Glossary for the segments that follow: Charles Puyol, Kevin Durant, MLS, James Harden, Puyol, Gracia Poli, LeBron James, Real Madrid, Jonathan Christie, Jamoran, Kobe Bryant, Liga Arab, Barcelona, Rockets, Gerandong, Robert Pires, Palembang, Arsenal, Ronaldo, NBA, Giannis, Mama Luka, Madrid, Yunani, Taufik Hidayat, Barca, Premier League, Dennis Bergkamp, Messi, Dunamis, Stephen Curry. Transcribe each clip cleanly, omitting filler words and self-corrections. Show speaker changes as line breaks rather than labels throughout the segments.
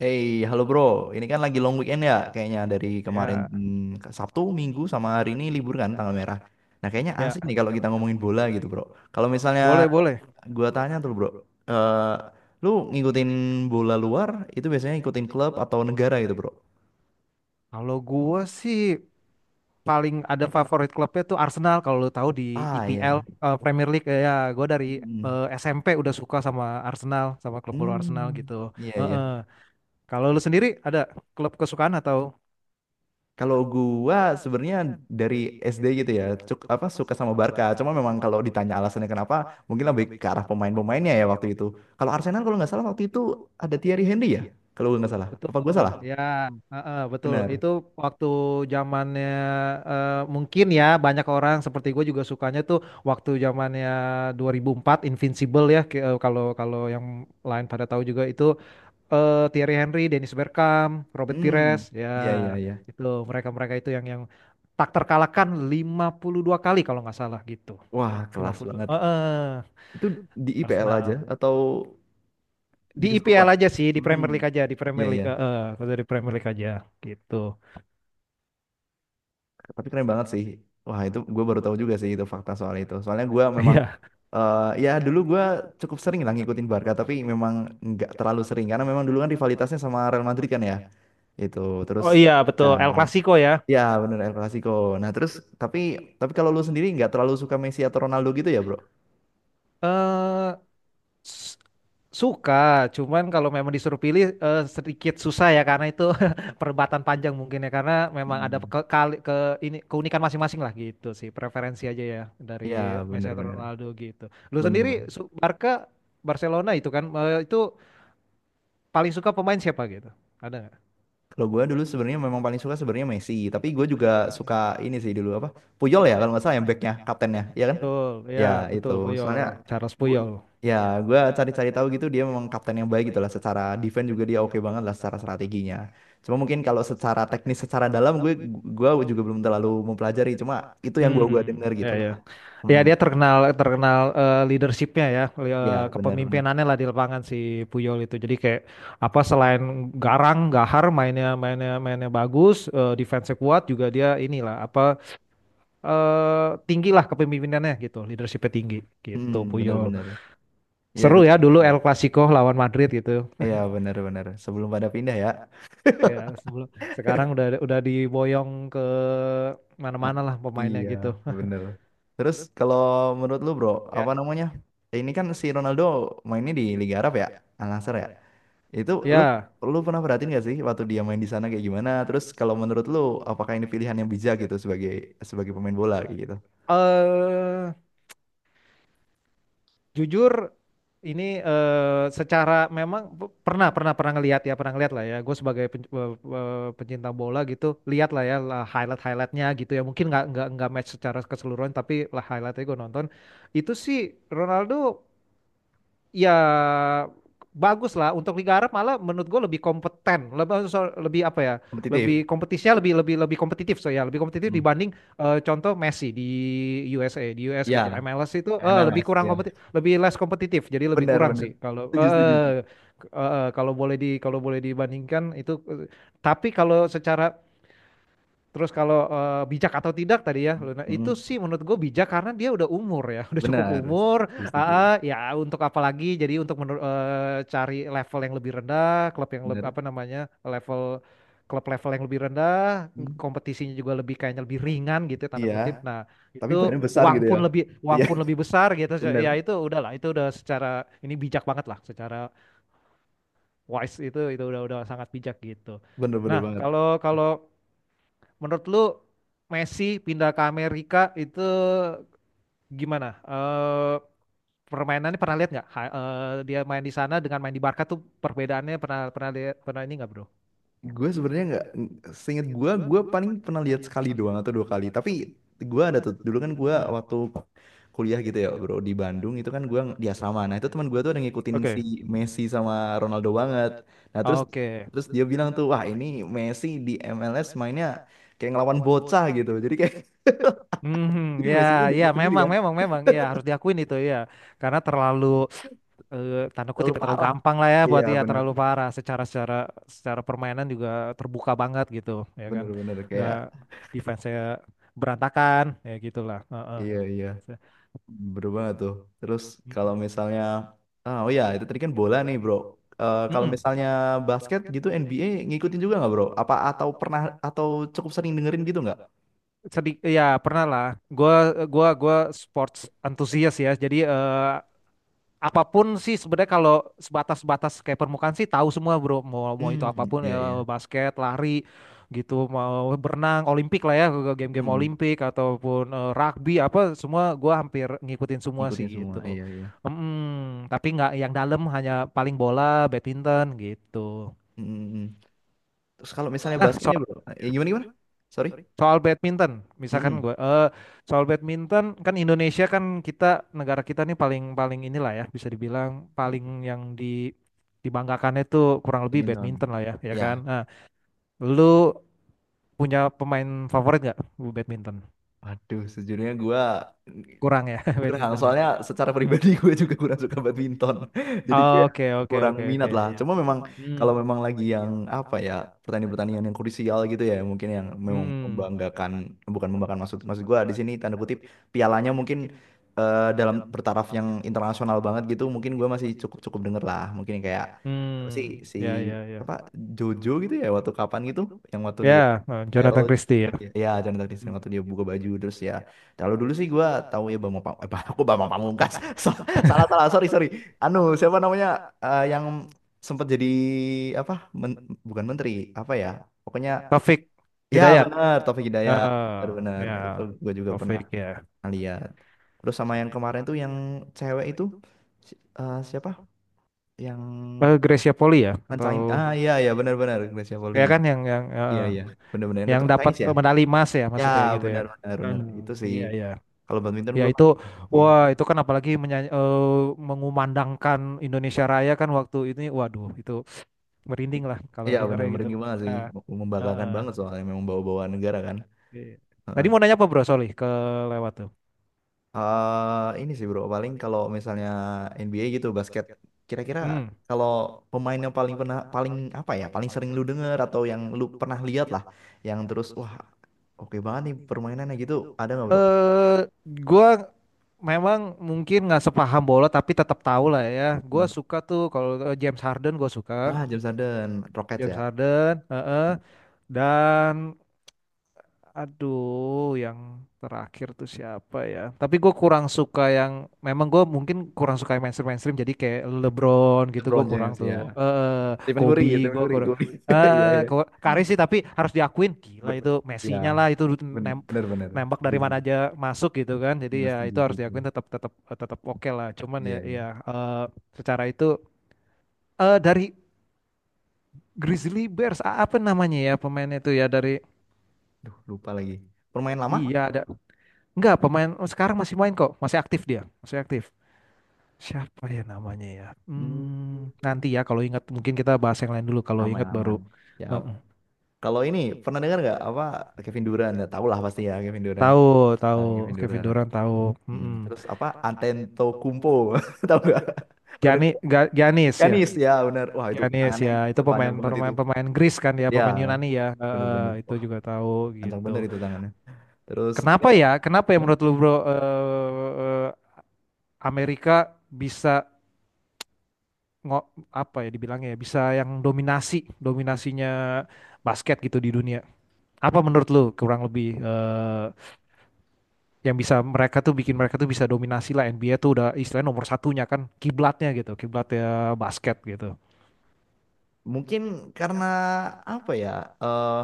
Hey, halo bro. Ini kan lagi long weekend ya, kayaknya dari kemarin
Ya,
ke Sabtu, Minggu sama hari ini libur kan tanggal merah. Nah, kayaknya
ya,
asik nih kalau kita ngomongin bola gitu, bro. Kalau misalnya
boleh, boleh.
gua tanya tuh, bro, eh, lu ngikutin bola luar itu biasanya ngikutin klub atau negara gitu, bro?
Kalau gua sih paling ada favorit klubnya tuh Arsenal. Kalau lu tahu di
Ah,
EPL
iya.
Premier League ya, gua dari
Hmm.
SMP udah suka sama Arsenal, sama klub bola Arsenal
Hmm,
gitu.
iya, iya.
Heeh. Kalau lu sendiri ada klub kesukaan atau.
Kalau gua sebenarnya dari SD gitu ya, cuk, apa suka sama Barca. Cuma memang kalau ditanya alasannya kenapa, mungkin lebih ke arah pemain-pemainnya ya waktu itu. Kalau Arsenal kalau nggak salah waktu itu ada Thierry Henry ya, kalau gua nggak salah. Apa gua
Betul,
salah?
ya, heeh, betul.
Benar.
Itu waktu zamannya mungkin ya banyak orang seperti gue juga sukanya tuh waktu zamannya 2004 Invincible ya. Kalau kalau yang lain pada tahu juga itu Thierry Henry, Dennis Bergkamp, Robert
Hmm,
Pires, ya
iya, iya, iya.
itu mereka-mereka itu yang tak terkalahkan 52 kali kalau nggak salah gitu.
Wah, kelas
52.
banget.
Heeh,
Itu di IPL aja
Arsenal.
atau di
Di IPL
keseluruhan?
aja sih, di
Hmm,
Premier League aja, di
iya,
Premier
iya.
League, heeh, kalau dari Premier League aja gitu.
Tapi keren banget sih. Wah, itu gue baru tahu juga sih itu fakta soal itu. Soalnya gue memang,
Iya.
eh, ya, dulu gue cukup sering lah ngikutin Barca, tapi memang nggak terlalu sering karena memang dulu kan rivalitasnya sama Real Madrid kan ya. Itu terus
Oh iya,
ya,
betul. El Clasico ya.
ya bener, El Clasico. Nah terus tapi tapi kalau lu sendiri nggak terlalu suka Messi atau Ronaldo gitu ya bro?
Eh S- Suka, cuman kalau memang disuruh pilih sedikit susah ya karena itu perdebatan panjang mungkin ya karena memang ada
Hmm.
ke, kali- ke ini keunikan masing-masing lah gitu sih preferensi aja ya dari
Ya,
Messi atau
bener-bener.
Ronaldo gitu.
Bener, bener, Bang.
Barca Barcelona itu kan itu paling suka pemain siapa gitu? Ada nggak?
Kalau gue dulu sebenarnya memang paling suka sebenarnya Messi, tapi gue juga suka ini sih dulu apa? Puyol ya kalau nggak salah yang backnya, kaptennya, ya kan?
Betul, ya
Ya, itu
betul Puyol,
soalnya
Charles
gua,
Puyol.
ya gue cari-cari tahu gitu, dia memang kapten yang baik gitu lah, secara defense juga dia oke banget lah, secara strateginya cuma mungkin kalau secara teknis secara dalam gue juga belum terlalu mempelajari, cuma itu yang gua
Hmm,
dengar
ya
gitu lah.
ya. Ya
Mm-mm.
dia terkenal terkenal leadership-nya ya
Ya, benar-benar.
kepemimpinannya lah di lapangan si Puyol itu. Jadi kayak apa selain garang, gahar mainnya mainnya mainnya bagus, defense-nya kuat juga dia inilah apa tinggi lah kepemimpinannya gitu, leadership-nya tinggi
Mm,
gitu
mm, ya, benar,
Puyol.
benar, hmm, benar, benar, ya itu.
Seru ya dulu El Clasico lawan Madrid gitu.
Iya, benar-benar, sebelum pada pindah ya.
Ya sebelum sekarang udah diboyong ke
Nah,
mana-mana lah pemainnya
iya,
gitu.
benar. Terus kalau menurut lu bro, apa
Ya.
namanya, ini kan si Ronaldo mainnya di Liga Arab ya, Al Nassr ya. Itu, lu
Ya,
lu pernah perhatiin gak sih waktu dia main di sana kayak gimana? Terus kalau menurut lu apakah ini pilihan yang bijak gitu sebagai sebagai pemain bola kayak gitu?
eh jujur ini secara memang p- pernah pernah pernah ngelihat ya pernah ngelihat lah ya gue sebagai pencinta bola gitu lihat lah ya lah highlight-nya gitu ya mungkin nggak match secara keseluruhan tapi lah highlight-nya gue nonton itu sih Ronaldo ya bagus lah untuk Liga Arab malah menurut gue lebih kompeten lebih lebih apa ya
Kompetitif.
lebih kompetisinya lebih lebih lebih kompetitif so ya lebih kompetitif
Hmm.
dibanding contoh Messi di USA di US gitu
Ya,
MLS itu lebih
MLS
kurang
ya.
kompetitif lebih less kompetitif jadi lebih
Benar,
kurang
benar.
sih kalau
Setuju, setuju.
eh, eh, eh, eh, kalau boleh di kalau boleh dibandingkan itu tapi kalau secara. Terus kalau bijak atau tidak tadi ya, Luna, itu
Hmm.
sih menurut gue bijak karena dia udah umur ya, udah cukup
Benar.
umur.
Setuju, setuju.
Ah, ah, ya untuk apa lagi? Jadi untuk cari level yang lebih rendah, klub yang
Benar.
apa namanya level klub level yang lebih rendah,
Hmm.
kompetisinya juga lebih kayaknya lebih ringan gitu ya, tanda
Iya,
kutip. Nah
tapi
itu
badannya besar gitu ya.
uang
Iya,
pun lebih besar gitu.
benar.
Ya itu udahlah, itu udah secara ini bijak banget lah, secara wise itu udah sangat bijak gitu.
Benar, benar
Nah
banget.
kalau kalau menurut lu Messi pindah ke Amerika itu gimana? Permainannya pernah lihat nggak? Dia main di sana dengan main di Barca tuh perbedaannya pernah pernah lihat pernah ini nggak bro?
Gue sebenarnya nggak, seingat gue paling pernah lihat sekali doang atau dua kali. Tapi gue ada tuh, dulu kan gue
Hmm.
waktu kuliah gitu ya bro, di Bandung itu kan gue di asrama. Nah, itu teman gue tuh ada ngikutin si
Oke,
Messi sama Ronaldo banget. Nah terus
oke.
terus dia bilang tuh, wah, ini Messi di MLS mainnya kayak ngelawan bocah gitu. Jadi kayak,
Hmm,
jadi
ya,
Messinya
ya,
diikut sendiri
memang,
kan,
memang, memang, ya harus diakuin itu ya, karena terlalu, tanda kutip
terlalu
ya, terlalu
parah.
gampang lah ya
Iya,
buat dia,
bener,
terlalu parah secara secara secara permainan juga terbuka banget gitu, ya kan,
bener, bener
nggak
kayak,
defense saya berantakan, ya gitulah. Heeh.
iya, iya. Bener banget tuh. Terus kalau
Mm-mm.
misalnya, ah, oh, ya itu tadi kan bola nih bro. Eh, kalau
Mm-mm.
misalnya basket gitu NBA ngikutin juga nggak bro? Apa atau pernah atau cukup sering dengerin gitu nggak?
Ya pernah lah. Gua gua sports antusias ya. Jadi apapun sih sebenarnya kalau sebatas-batas kayak permukaan sih tahu semua bro. Mau mau itu
Hmm,
apapun
iya, iya.
basket, lari gitu, mau berenang, olimpik lah ya, game-game
Hmm,
olimpik ataupun rugby apa semua gua hampir ngikutin semua sih
ngikutin semua.
gitu.
Iya, iya.
Tapi nggak yang dalam hanya paling bola, badminton gitu.
Hmm, hmm, hmm. Terus kalau misalnya
Nah,
basket
soal
nih bro, eh, gimana, gimana? Sorry.
Soal badminton, misalkan
Hmm,
gue, soal badminton kan Indonesia kan kita negara kita nih paling paling inilah ya bisa dibilang
hmm.
paling yang di dibanggakannya itu kurang lebih
Badminton.
badminton lah ya, ya kan.
Ya.
Nah, lu punya pemain favorit nggak bu badminton?
Aduh, sejujurnya gua
Kurang ya
kurang,
badmintonnya.
soalnya secara pribadi gue juga kurang suka badminton. Jadi kayak
Oke oke
kurang
oke oke.
minat lah.
Ya.
Cuma memang
Hmm,
kalau memang lagi yang apa ya, pertandingan-pertandingan yang krusial gitu ya, mungkin yang memang
hmm,
membanggakan, bukan membanggakan, maksud, maksud gue di sini tanda kutip pialanya mungkin, eh, dalam bertaraf yang internasional banget gitu, mungkin gue masih cukup-cukup denger lah. Mungkin kayak apa sih,
hmm,
si
ya, ya, ya,
apa, Jojo gitu ya waktu kapan gitu, yang waktu dia
ya,
viral
Jonathan
itu,
Christie ya.
ya, ya, Chandra Taktik Sing
Hmm.
waktu dia buka baju terus ya, kalau dulu sih gua tahu ya, Bambang aku Bambang Pamungkas. So- Salah, salah, sorry, sorry, anu, siapa namanya, eh, yang sempat jadi apa, men- bukan menteri apa ya, pokoknya,
Taufik
ya
Hidayat.
benar, Taufik Hidayat,
eh
benar, benar,
Ya
itu gua juga pernah
Taufik ya.
lihat, terus sama yang kemarin tuh yang cewek itu, siapa yang
Gracia Poli ya
Chinese,
atau
ah, iya, iya, benar, benar, Gracia Poli,
ya kan
iya, iya, benar-benar yang
yang
keturunan
dapat
Chinese ya.
medali emas ya
Ya,
maksudnya gitu ya.
benar, benar, benar. Itu
Hmm,
sih
iya iya.
kalau badminton
Ya
gue ya.
itu
Iya.
wah itu kan apalagi menyanyi, mengumandangkan Indonesia Raya kan waktu ini waduh itu merinding lah kalau
Iya, benar,
dengarnya gitu.
merinding banget sih.
Ah, ah,
Membanggakan
ah.
banget soalnya memang bawa-bawa negara kan.
Iya. Tadi
Heeh.
mau nanya apa Bro Soli ke lewat tuh.
Eh, ini sih bro, paling kalau misalnya NBA gitu basket, kira-kira
Hmm.
kalau pemain yang paling pernah, paling apa ya, paling sering lu denger atau yang lu pernah lihat lah, yang terus wah, oke banget nih permainannya gitu, ada nggak bro?
Eh gua memang mungkin nggak sepaham bola tapi tetap tahu lah ya. Gua
Hmm.
suka tuh kalau James Harden gua suka.
Ah, James Harden, Rockets
James
ya,
Harden, heeh. Dan aduh yang terakhir tuh siapa ya? Tapi gue kurang suka yang memang gue mungkin kurang suka yang mainstream mainstream. Jadi kayak LeBron gitu gue
LeBron James
kurang
ya,
tuh. Eh
Stephen Curry,
Kobe
Stephen
gue
Curry,
kurang.
Curry. Iya, iya.
Kari sih tapi harus diakuin gila
Bet-
itu
Ya,
Messi-nya lah itu
bener,
nem-
bener, bener,
nembak
setuju,
dari mana
setuju.
aja masuk gitu kan. Jadi
Bener,
ya
setuju,
itu harus
setuju,
diakuin tetap tetap tetap oke lah. Cuman ya
iya, iya.
ya eh, secara itu dari Grizzly Bears apa namanya ya pemainnya itu ya dari.
Duh, lupa lagi, permain lama.
Iya ada. Enggak, pemain sekarang masih main kok, masih aktif dia, masih aktif. Siapa ya namanya ya? Hmm,
Hmm.
nanti ya kalau ingat mungkin kita bahas yang lain dulu kalau
Aman,
ingat
aman,
baru.
siap.
Heeh.
Kalau ini, pernah dengar nggak apa Kevin Durant, ya tahu lah pasti ya, Kevin Durant.
Tahu, tahu
Ah, Kevin
Kevin
Durant.
Durant tahu.
Hmm.
Mm-mm.
Terus apa, Antetokounmpo, tahu nggak, pernah dengar
Gianni,
nggak?
Giannis ya.
Giannis ya benar, wah, itu
Giannis
tangannya
ya, itu
gila, panjang
pemain
banget itu,
pemain pemain Greece kan ya,
ya
pemain Yunani ya.
bener, bener,
Heeh, itu
wah,
juga tahu
panjang bener
gitu.
itu tangannya. Terus ini,
Kenapa ya? Kenapa ya menurut lu bro eh, Amerika bisa ngo- apa ya dibilangnya ya bisa yang dominasinya basket gitu di dunia. Apa menurut lu kurang lebih yang bisa mereka tuh bikin mereka tuh bisa dominasi lah NBA tuh udah istilahnya nomor satunya kan kiblatnya gitu, kiblatnya basket gitu.
mungkin karena apa ya, eh,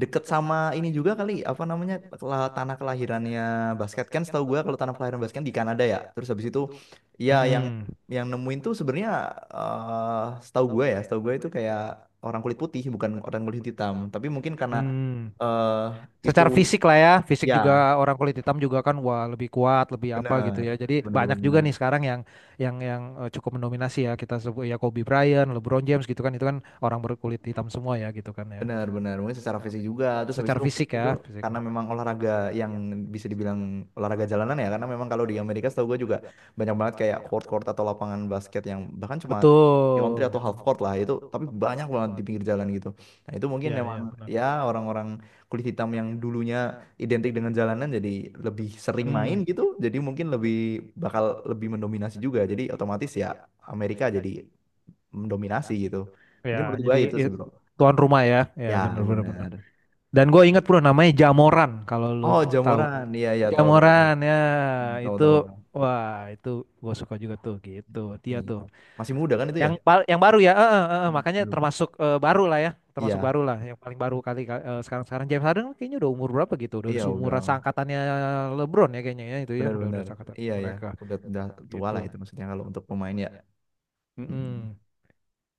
deket sama ini juga kali, apa namanya, tanah kelahirannya basket. Kan setahu gue kalau tanah kelahiran basket di Kanada ya. Terus habis itu, ya, yang
Mm-mm.
yang nemuin tuh sebenarnya, eh, setahu gue ya, setahu gue itu kayak orang kulit putih, bukan orang kulit hitam. Tapi mungkin karena,
Hmm.
eh, itu,
Secara fisik lah ya, fisik
ya
juga orang kulit hitam juga kan wah lebih kuat, lebih apa gitu
bener,
ya. Jadi
bener
banyak juga nih
banget.
sekarang yang cukup mendominasi ya kita sebut ya Kobe Bryant, LeBron James gitu kan itu kan orang berkulit hitam semua ya gitu kan ya. Hmm.
Benar-benar mungkin secara fisik juga, terus habis
Secara
itu mungkin
fisik ya,
itu karena
physical.
memang olahraga yang bisa dibilang olahraga jalanan ya, karena memang kalau di Amerika setahu gue juga banyak banget kayak court-court atau lapangan basket yang bahkan cuma country
Betul.
atau half court lah itu, tapi banyak banget di pinggir jalan gitu. Nah, itu mungkin
Ya,
memang
ya, benar.
ya, orang-orang kulit hitam yang dulunya identik dengan jalanan, jadi lebih sering main
Hmm,
gitu, jadi mungkin lebih bakal lebih mendominasi juga, jadi otomatis ya Amerika jadi mendominasi gitu,
ya,
mungkin menurut gue
jadi
itu sih bro.
tuan rumah ya. Ya,
Ya,
benar, benar, benar.
benar.
Dan gue ingat bro, namanya Jamoran kalau lu
Oh,
tahu.
Jamuran. Iya, iya, tahu, tahu, tahu.
Jamoran ya,
Tahu,
itu
tahu, tahu.
wah, itu gue suka juga tuh gitu. Dia
Iya.
tuh
Masih muda kan itu ya?
yang yang baru ya, makanya
Belum.
termasuk baru lah ya, termasuk
Iya,
baru lah, yang paling baru kali kali- eh, sekarang-sekarang James Harden kayaknya udah umur berapa gitu, udah
iya
seumuran
udah.
seangkatannya LeBron ya kayaknya ya itu ya, udah
Benar-benar.
seangkatan
Iya, iya.
mereka
Udah tua lah
gitu.
itu maksudnya kalau untuk pemain ya. Mm,
Mm-mm.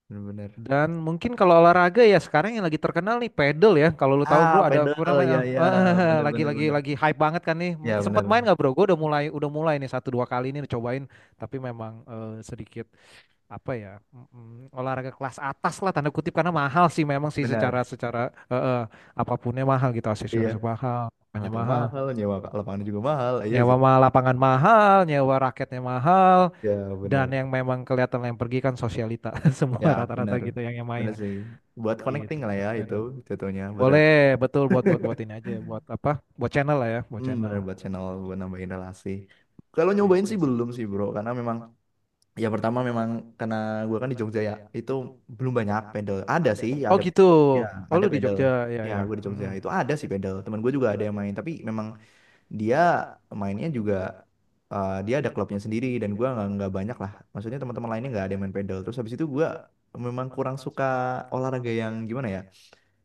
benar-benar.
Dan mungkin kalau olahraga ya sekarang yang lagi terkenal nih pedal ya. Kalau lu tahu
Ah,
bro ada
pedal.
pernah main
Iya,
ah,
iya.
ah,
Benar-benar, benar.
lagi hype banget kan nih.
Iya,
Sempet main
benar.
nggak bro? Gue udah mulai nih satu dua kali ini cobain. Tapi memang sedikit apa ya olahraga kelas atas lah tanda kutip karena mahal sih memang sih secara
Benar.
secara eh, eh, apapunnya mahal gitu
Iya.
aksesoris mahal, apanya
Alatnya
mahal.
mahal, nyewa lapangan juga mahal. Iya
Nyewa
sih.
lapangan mahal, nyewa raketnya mahal,
Ya,
dan
benar.
yang memang kelihatan yang pergi kan sosialita semua
Ya,
rata-rata
benar.
gitu yang main.
Benar sih. Buat connecting
Gitu.
lah ya itu
Pedal.
jatuhnya, buat,
Boleh, betul buat buat buat ini aja, ya, buat apa? Buat channel lah ya, buat
hmm,
channel.
bener, buat channel buat nambahin relasi. Kalau nyobain
Gitu.
sih belum sih bro, karena memang ya pertama memang karena gua kan di Jogja ya, itu belum banyak pedal. Ada sih,
Oh
ada,
gitu.
ya,
Oh lu
ada
di
pedal.
Jogja, ya
Ya,
ya.
gue di Jogja itu ada sih pedal. Teman gue juga ada yang main, tapi memang dia mainnya juga, eh, dia ada klubnya sendiri dan gua nggak banyak lah. Maksudnya teman-teman lainnya nggak ada yang main pedal. Terus habis itu gua memang kurang suka olahraga yang gimana ya,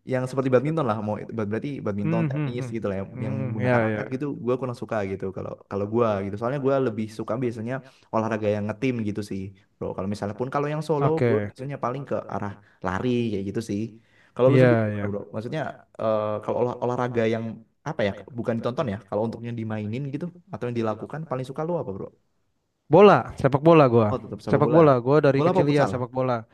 yang seperti badminton lah, mau itu berarti badminton,
Hmm, hmm,
tenis
hmm.
gitu lah, yang,
Hmm,
menggunakan
ya
raket
ya.
gitu gue kurang suka gitu, kalau kalau gue gitu soalnya gue lebih suka biasanya olahraga yang ngetim gitu sih bro, kalau misalnya pun kalau yang solo gue
Oke.
biasanya paling ke arah lari kayak gitu sih. Kalau lu sendiri
Iya
gimana
ya.
bro, maksudnya, eh, kalau olahraga yang apa ya, bukan ditonton ya, kalau untuknya dimainin gitu atau yang dilakukan paling suka lu apa bro?
Bola, sepak bola gua.
Oh, tetap sepak
Sepak
bola.
bola, gua dari
Bola apa
kecil iya
futsal?
sepak bola.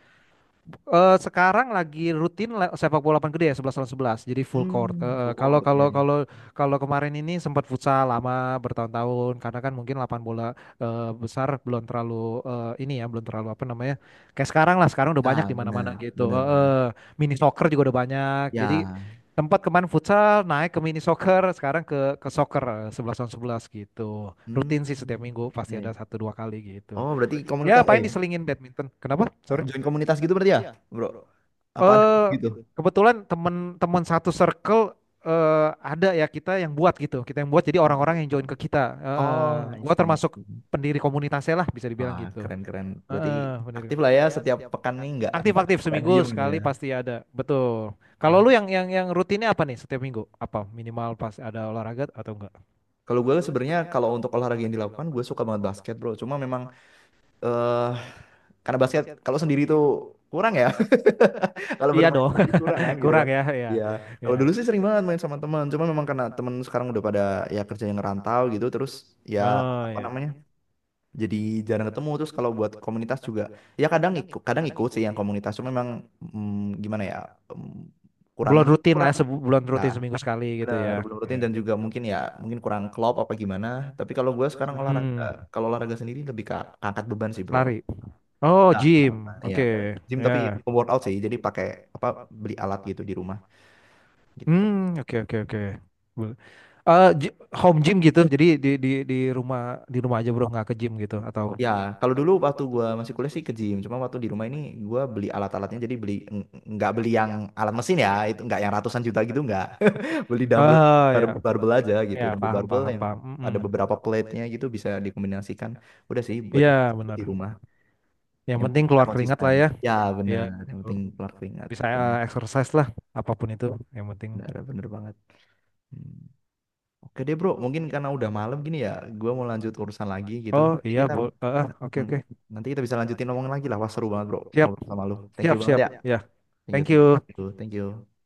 Sekarang lagi rutin sepak bola lapangan gede ya 11 lawan 11 jadi full court.
Hmm,
Eh, eh,
full
kalau
court, iya,
kalau
iya.
kalau kalau kemarin ini sempat futsal lama bertahun-tahun karena kan mungkin lapangan bola besar belum terlalu ini ya belum terlalu apa namanya kayak sekarang lah sekarang udah banyak
Ah,
di mana-mana
benar,
gitu.
benar, benar,
Mini soccer juga udah banyak. Jadi
ya.
tempat kemarin futsal naik ke mini soccer sekarang ke soccer 11 lawan 11 gitu.
Hmm.
Rutin sih setiap minggu
Ya,
pasti ada
ya.
satu dua kali gitu.
Oh, berarti
Ya
komunitas, eh,
paling diselingin badminton. Kenapa? Sorry.
join komunitas gitu berarti ya, iya, Bro? Apa ada gitu?
Eh
Gitu.
kebetulan teman-teman satu circle ada ya kita yang buat gitu, kita yang buat jadi
Oh,
orang-orang yang join ke kita.
oh, I
Gua
see, I
termasuk
see.
pendiri komunitasnya lah bisa dibilang
Wah,
gitu.
keren-keren. Berarti
Heeh, pendiri.
aktif lah ya, ya, setiap pekan nih, nggak nggak
Aktif-aktif
nggak diem
seminggu
gitu ya,
sekali pasti ada, betul.
gitu ya. Wah,
Kalau lu
kalau
yang
gue
rutinnya apa nih setiap minggu? Apa minimal pas ada olahraga atau enggak?
sebenarnya kalau untuk olahraga yang dilakukan gue suka banget basket, Bro. Cuma memang, eh, karena basket kalau sendiri tuh kurang ya, kalau
Iya
bermain
dong,
sendiri kurang kan gitu
kurang
kan,
ya, ya,
ya
ya.
kalau dulu sih sering banget main sama teman, cuma memang karena teman sekarang udah pada ya kerja, yang ngerantau gitu, terus ya
Oh
apa
ya,
namanya, jadi jarang ketemu. Terus kalau buat komunitas juga ya kadang ikut, kadang ikut sih yang komunitas, cuma memang, gimana ya, mm, kurang,
bulan rutin lah,
kurang,
ya, sebulan
ya
rutin seminggu sekali gitu
bener,
ya.
belum rutin,
Ya.
dan juga mungkin ya mungkin kurang klop apa gimana, tapi kalau gue sekarang olahraga,
Hmm,
kalau olahraga sendiri lebih ke angkat beban sih bro.
lari. Oh,
Nah,
gym.
ya
Oke,
gym,
ya.
tapi workout sih, jadi pakai apa, beli alat gitu di rumah gitu.
Hmm, oke, oke, oke. Boleh. Home gym gitu. Jadi di rumah di rumah aja bro, nggak ke gym gitu atau?
Ya, kalau dulu waktu gua masih kuliah sih ke gym, cuma waktu di rumah ini gua beli alat-alatnya, jadi beli, nggak beli yang alat mesin ya, itu nggak yang ratusan juta gitu, nggak. Beli dumbbell sama
Ah, ya,
barbell aja gitu,
ya
dumbbell,
paham,
barbell
paham,
yang
paham. Mm-mm.
ada beberapa plate-nya gitu bisa dikombinasikan. Udah sih buat
Iya, benar.
di rumah,
Yang
yang
penting
penting bisa
keluar keringat
konsisten.
lah ya.
Ya,
Iya,
benar, yang
betul.
penting keluar keringat.
Bisa
Benar,
exercise lah, apapun itu. Yang penting.
benar, benar banget. Hmm. Oke deh bro, mungkin karena udah malam gini ya, gua mau lanjut urusan lagi gitu.
Oh
Nanti
iya,
kita,
oke,
hmm,
oke.
nanti kita bisa lanjutin ngomongin lagi lah. Wah, seru banget, bro,
Siap,
ngobrol sama lu. Thank you
siap,
banget
siap.
ya.
Ya,
Thank you,
thank
thank you, thank
you.
you. Thank you.